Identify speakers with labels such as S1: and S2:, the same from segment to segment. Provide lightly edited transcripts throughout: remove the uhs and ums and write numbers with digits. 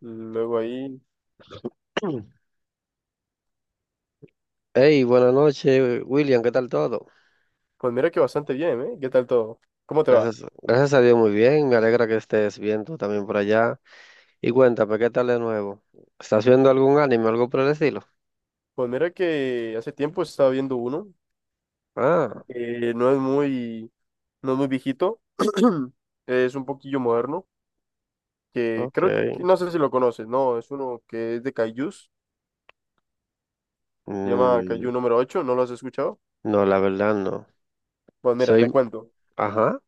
S1: Luego ahí,
S2: Hey, buenas noches, William, ¿qué tal todo?
S1: pues mira que bastante bien, ¿eh? ¿Qué tal todo? ¿Cómo te va?
S2: Gracias, gracias a Dios, muy bien. Me alegra que estés bien tú también por allá. Y cuéntame, ¿qué tal de nuevo? ¿Estás viendo algún anime, algo por el estilo?
S1: Pues mira que hace tiempo estaba viendo uno
S2: Ah,
S1: que no es muy viejito, es un poquillo moderno, que creo que,
S2: ok.
S1: no sé si lo conoces, no, es uno que es de Kaijus, se llama
S2: Mm,
S1: Kaiju número ocho. ¿No lo has escuchado?
S2: no, la verdad no.
S1: Pues mira, te
S2: Soy,
S1: cuento.
S2: ajá,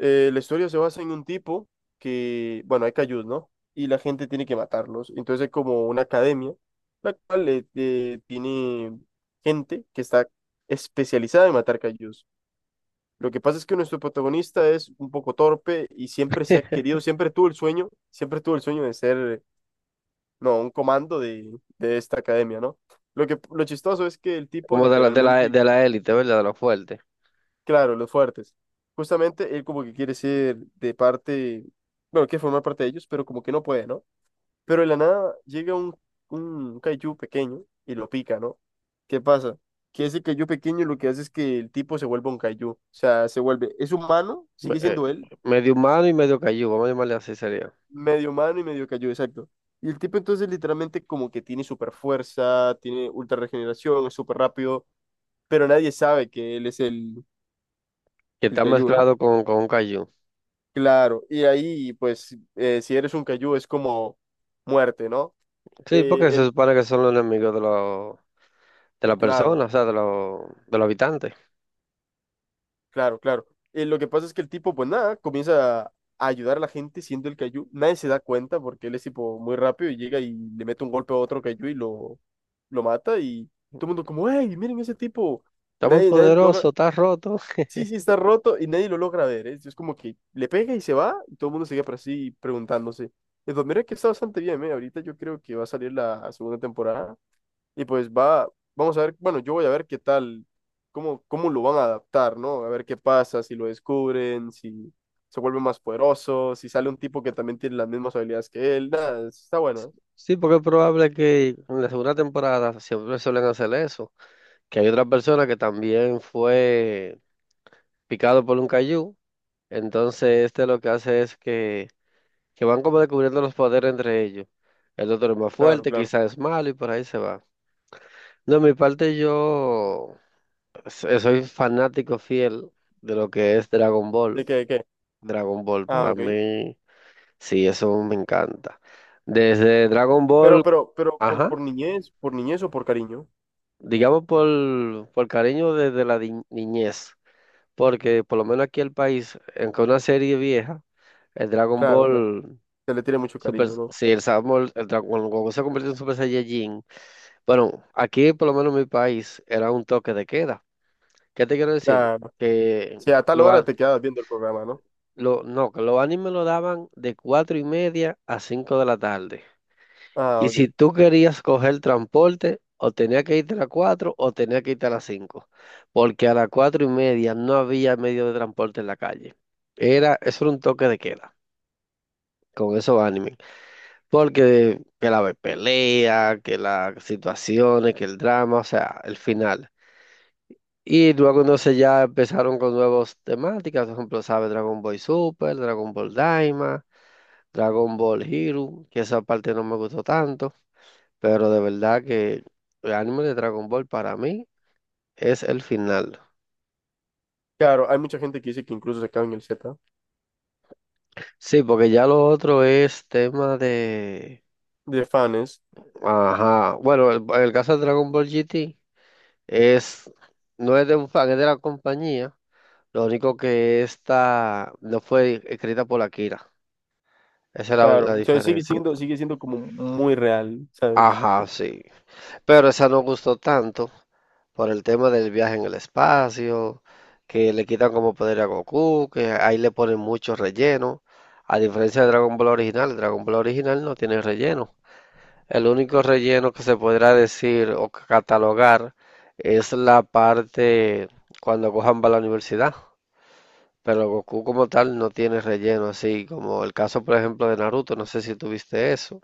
S1: La historia se basa en un tipo que, bueno, hay cayus, ¿no? Y la gente tiene que matarlos. Entonces hay como una academia, la cual tiene gente que está especializada en matar cayus. Lo que pasa es que nuestro protagonista es un poco torpe y siempre se ha querido, siempre tuvo el sueño de ser, no, un comando de esta academia, ¿no? Lo chistoso es que el tipo
S2: como de la, de la,
S1: literalmente.
S2: de la élite, ¿verdad? De los fuertes.
S1: Claro, los fuertes. Justamente él como que quiere ser de parte, bueno, quiere formar parte de ellos, pero como que no puede, ¿no? Pero de la nada llega un kaiju pequeño y lo pica, ¿no? ¿Qué pasa? Que ese kaiju pequeño lo que hace es que el tipo se vuelve un kaiju, o sea, se vuelve, es humano,
S2: Me-
S1: sigue
S2: eh,
S1: siendo él,
S2: medio humano y medio cayú, vamos a llamarle así sería.
S1: medio humano y medio kaiju, exacto. Y el tipo entonces literalmente como que tiene super fuerza, tiene ultra regeneración, es súper rápido, pero nadie sabe que él es el,
S2: Que
S1: el
S2: está
S1: kaiju, ¿no?
S2: mezclado con un cayú.
S1: Claro, y ahí, pues, si eres un cayú es como muerte, ¿no?
S2: Sí,
S1: Eh,
S2: porque se
S1: el-
S2: supone que son los enemigos de los, de la
S1: claro,
S2: persona, o sea, de los habitantes.
S1: claro, claro. Lo que pasa es que el tipo, pues nada, comienza a ayudar a la gente siendo el cayú. Nadie se da cuenta porque él es tipo muy rápido y llega y le mete un golpe a otro cayú y lo mata y todo el mundo como, ¡Ey, miren ese tipo!
S2: Está muy
S1: Nadie lo logra,
S2: poderoso, está roto.
S1: sí, sí, está roto y nadie lo logra ver, ¿eh? Es como que le pega y se va y todo el mundo sigue por así preguntándose. Entonces, mira que está bastante bien, ¿eh? Ahorita yo creo que va a salir la segunda temporada. Y pues vamos a ver, bueno, yo voy a ver qué tal, cómo lo van a adaptar, ¿no? A ver qué pasa, si lo descubren, si se vuelve más poderoso, si sale un tipo que también tiene las mismas habilidades que él, nada, está bueno, ¿eh?
S2: Sí, porque es probable que en la segunda temporada siempre suelen hacer eso, que hay otra persona que también fue picado por un cayú, entonces este lo que hace es que van como descubriendo los poderes entre ellos. El otro es más
S1: Claro,
S2: fuerte,
S1: claro.
S2: quizás es malo y por ahí se va. No, de mi parte yo soy fanático fiel de lo que es Dragon
S1: ¿De
S2: Ball.
S1: qué, de qué?
S2: Dragon Ball
S1: Ah,
S2: para
S1: ok.
S2: mí. Sí, eso me encanta. Desde Dragon Ball, ajá,
S1: Por niñez o por cariño.
S2: digamos por cariño desde la niñez, porque por lo menos aquí en el país, aunque una serie vieja, el Dragon
S1: Claro, claro.
S2: Ball.
S1: Se le tiene mucho
S2: Super,
S1: cariño, ¿no?
S2: sí, el Samuel, el Dragon Ball, cuando se convirtió en Super Saiyajin, bueno, aquí por lo menos en mi país era un toque de queda. ¿Qué te quiero decir?
S1: Claro.
S2: Que
S1: Si a tal
S2: lo,
S1: hora
S2: a-
S1: te quedas viendo el programa, ¿no?
S2: no, que los animes lo daban de 4:30 a cinco de la tarde.
S1: Ah,
S2: Y si
S1: ok.
S2: tú querías coger transporte, o tenía que irte a las 4 o tenía que irte a las 5 porque a las 4:30 no había medio de transporte en la calle. Eso era un toque de queda con esos animes, porque que la pelea, que las situaciones, que el drama, o sea, el final. Y luego entonces ya empezaron con nuevas temáticas, por ejemplo, ¿sabes? Dragon Ball Super, Dragon Ball Daima, Dragon Ball Hero, que esa parte no me gustó tanto. Pero de verdad que el anime de Dragon Ball para mí es el final.
S1: Claro, hay mucha gente que dice que incluso se quedan en el Z,
S2: Sí, porque ya lo otro es tema de...
S1: de fans.
S2: Ajá. Bueno, el caso de Dragon Ball GT es... No es de un fan, es de la compañía. Lo único que esta no fue escrita por Akira. Esa era la
S1: Claro, o sea,
S2: diferencia.
S1: sigue siendo como muy real, ¿sabes?
S2: Ajá, sí. Pero esa no gustó tanto por el tema del viaje en el espacio, que le quitan como poder a Goku, que ahí le ponen mucho relleno. A diferencia de Dragon Ball original no tiene relleno. El único relleno que se podrá decir o catalogar es la parte cuando Gohan va a la universidad. Pero Goku como tal no tiene relleno, así como el caso, por ejemplo, de Naruto, no sé si tuviste eso.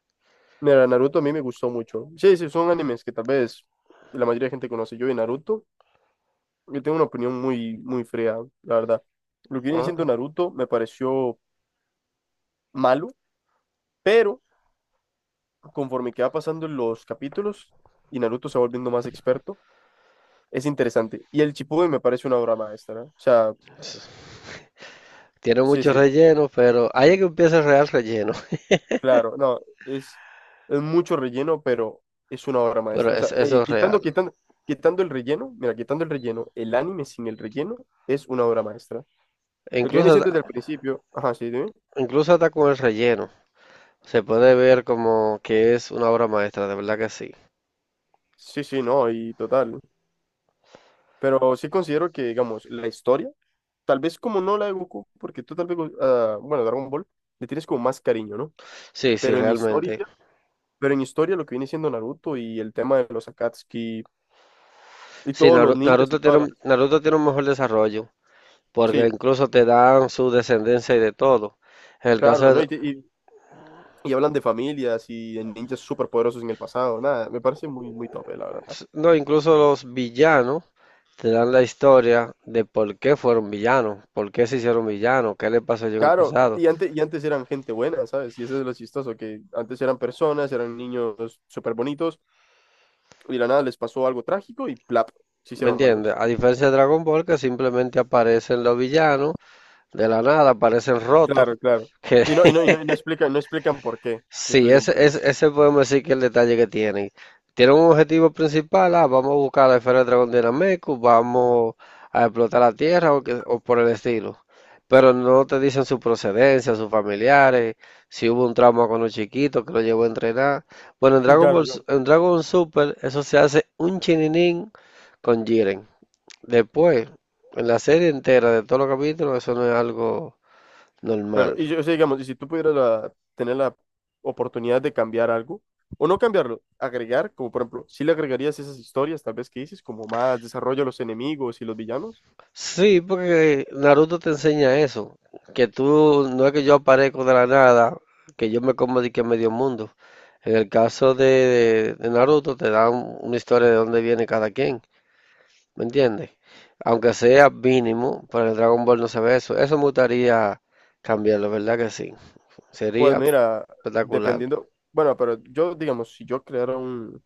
S1: Mira, Naruto a mí me gustó mucho. Sí, sí, son animes que tal vez la mayoría de gente conoce. Yo de Naruto, yo tengo una opinión muy, muy fría, la verdad. Lo que viene
S2: Ah,
S1: siendo Naruto me pareció malo, pero conforme que va pasando los capítulos y Naruto se va volviendo más experto, es interesante. Y el Shippuden me parece una obra maestra, ¿no? O sea,
S2: tiene
S1: sí,
S2: mucho
S1: sí.
S2: relleno, pero ahí es que empieza el real relleno.
S1: Claro, no, es, es mucho relleno, pero es una obra
S2: Bueno,
S1: maestra. O sea,
S2: eso es real.
S1: quitando el relleno, mira, quitando el relleno, el anime sin el relleno es una obra maestra.
S2: E
S1: Lo que
S2: incluso,
S1: viene siendo desde el principio, ajá, sí, dime.
S2: incluso hasta con el relleno. Se puede ver como que es una obra maestra, de verdad que sí.
S1: Sí, sí, no, y total. Pero sí considero que, digamos, la historia, tal vez como no la de Goku, porque tú tal vez, ah, bueno, Dragon Ball, le tienes como más cariño, ¿no?
S2: Sí, sí,
S1: Pero en historia,
S2: realmente.
S1: pero en historia lo que viene siendo Naruto y el tema de los Akatsuki y
S2: Sí,
S1: todos los ninjas y todas las...
S2: Naruto tiene un mejor desarrollo, porque
S1: Sí,
S2: incluso te dan su descendencia y de todo. En el
S1: claro,
S2: caso
S1: ¿no?
S2: de,
S1: Y hablan de familias y de ninjas superpoderosos en el pasado. Nada, me parece muy, muy tope, la verdad.
S2: no, incluso los villanos te dan la historia de por qué fueron villanos, por qué se hicieron villanos, qué le pasó yo en el
S1: Claro,
S2: pasado.
S1: y antes eran gente buena, ¿sabes? Y eso es lo chistoso, que antes eran personas, eran niños súper bonitos, y de la nada les pasó algo trágico y plap, se
S2: ¿Me
S1: hicieron
S2: entiendes?
S1: malos.
S2: A diferencia de Dragon Ball, que simplemente aparecen los villanos de la nada aparecen rotos.
S1: Claro, claro.
S2: Que
S1: Y no, y no, y no, y no explican, no explican por qué. No
S2: sí,
S1: explican
S2: ese,
S1: por qué.
S2: ese, ese podemos decir que es el detalle que tienen. Tienen un objetivo principal, ah, vamos a buscar la esfera del dragón de Nameku, vamos a explotar la tierra o por el estilo. Pero no te dicen su procedencia, sus familiares, si hubo un trauma con los chiquitos que lo llevó a entrenar. Bueno,
S1: Claro, claro.
S2: En Dragon Super, eso se hace un chininín con Jiren. Después, en la serie entera de todos los capítulos, eso no es algo
S1: Claro,
S2: normal.
S1: y yo, o sea, digamos, y si tú pudieras tener la oportunidad de cambiar algo, o no cambiarlo, agregar, como por ejemplo, si le agregarías esas historias, tal vez que dices, como más desarrollo a los enemigos y los villanos,
S2: Sí, porque Naruto te enseña eso, que tú, no es que yo aparezco de la nada, que yo me como de que medio mundo. En el caso de Naruto te dan una historia de dónde viene cada quien, ¿me entiendes? Aunque sea mínimo, pero en Dragon Ball no se ve eso. Eso me gustaría cambiarlo, ¿verdad que sí?
S1: pues
S2: Sería
S1: mira,
S2: espectacular.
S1: dependiendo, bueno, pero yo, digamos, si yo creara un,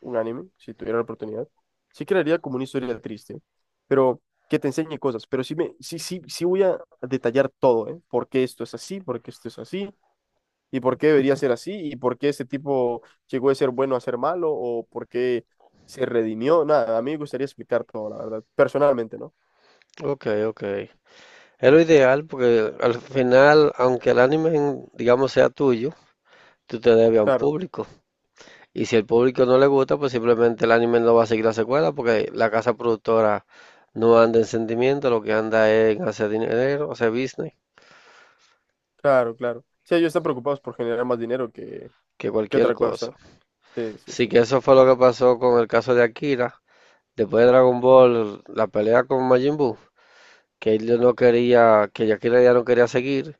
S1: un anime, si tuviera la oportunidad, sí crearía como una historia triste, pero que te enseñe cosas, pero sí, sí, sí, sí voy a detallar todo, ¿eh? ¿Por qué esto es así? ¿Por qué esto es así? Y por qué debería ser así y por qué ese tipo llegó de ser bueno a ser malo o por qué se redimió. Nada, a mí me gustaría explicar todo, la verdad, personalmente, ¿no?
S2: Ok, ok. Es lo ideal porque al final, aunque el anime, digamos, sea tuyo, tú te debes a un
S1: Claro,
S2: público. Y si el público no le gusta, pues simplemente el anime no va a seguir la secuela porque la casa productora no anda en sentimiento, lo que anda es en hacer dinero, hacer business,
S1: claro, claro. Sí, ellos están preocupados por generar más dinero que,
S2: que
S1: que
S2: cualquier
S1: otra
S2: cosa.
S1: cosa. Sí, sí,
S2: Así
S1: sí.
S2: que eso fue lo que pasó con el caso de Akira. Después de Dragon Ball, la pelea con Majin Buu, que él no quería, que Akira ya no quería seguir,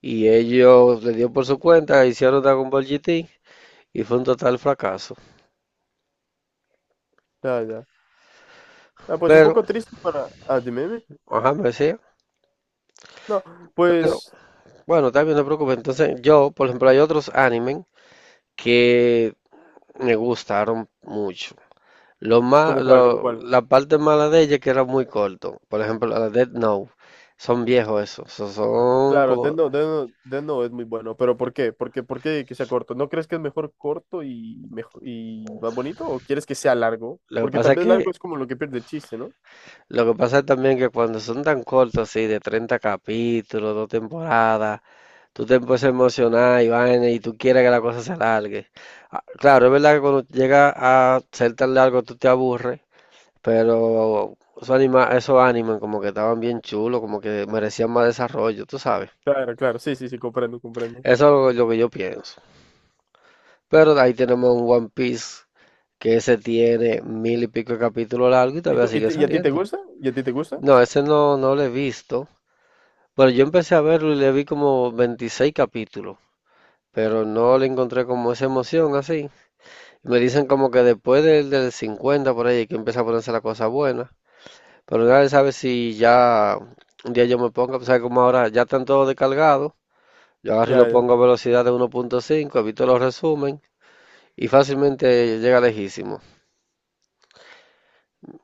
S2: y ellos le dio por su cuenta, hicieron Dragon Ball GT, y fue un total fracaso.
S1: Ya, ya. Ah, pues un
S2: Pero,
S1: poco triste para... Ah, dime, dime.
S2: ajá, me decía,
S1: No,
S2: pero,
S1: pues,
S2: bueno, también no te preocupes. Entonces, yo, por ejemplo, hay otros animes que me gustaron mucho.
S1: ¿como cuál, como cuál?
S2: La parte mala de ella es que era muy corto. Por ejemplo, la de Death Note. Son viejos esos. Son
S1: Claro,
S2: como.
S1: Death Note es muy bueno, pero ¿por qué? ¿Por qué que sea corto? ¿No crees que es mejor corto y, mejor, y más bonito o quieres que sea largo?
S2: Lo que
S1: Porque
S2: pasa
S1: tal
S2: es
S1: vez
S2: que.
S1: largo es como lo que pierde el chiste, ¿no?
S2: Lo que pasa es también que cuando son tan cortos así, de 30 capítulos, dos temporadas, tú te empiezas a emocionar y vaina, y tú quieres que la cosa se alargue. Ah, claro, es verdad que cuando llega a ser tan largo tú te aburres. Pero esos animes como que estaban bien chulos, como que merecían más desarrollo, tú sabes.
S1: Claro, claro, sí, sí, sí, comprendo, comprendo.
S2: Eso es lo que yo pienso. Pero ahí tenemos un One Piece que ese tiene mil y pico de capítulos largos y
S1: ¿Y,
S2: todavía
S1: tú- y,
S2: sigue
S1: te- y a ti te
S2: saliendo.
S1: gusta? ¿Y a ti te gusta?
S2: No, ese no, no lo he visto. Bueno, yo empecé a verlo y le vi como 26 capítulos, pero no le encontré como esa emoción así. Me dicen como que después del 50 por ahí es que empieza a ponerse la cosa buena. Pero nadie sabe si ya un día yo me ponga, pues sabe como ahora ya están todos descargados. Yo agarro y lo
S1: Ya, ya.
S2: pongo a velocidad de 1.5, evito los resumen y fácilmente llega lejísimo.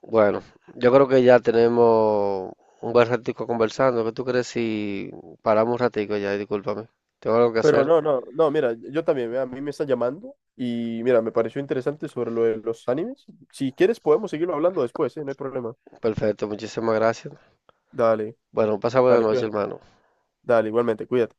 S2: Bueno, yo creo que ya tenemos un buen ratico conversando. ¿Qué tú crees si paramos un ratico ya? Discúlpame. Tengo algo que
S1: Pero
S2: hacer.
S1: no, no, no, mira, yo también, mira, a mí me está llamando y mira, me pareció interesante sobre lo de los animes. Si quieres podemos seguirlo hablando después, ¿eh? No hay problema.
S2: Perfecto, muchísimas gracias.
S1: Dale,
S2: Bueno, pasa buena
S1: dale,
S2: noche,
S1: cuídate.
S2: hermano.
S1: Dale, igualmente, cuídate.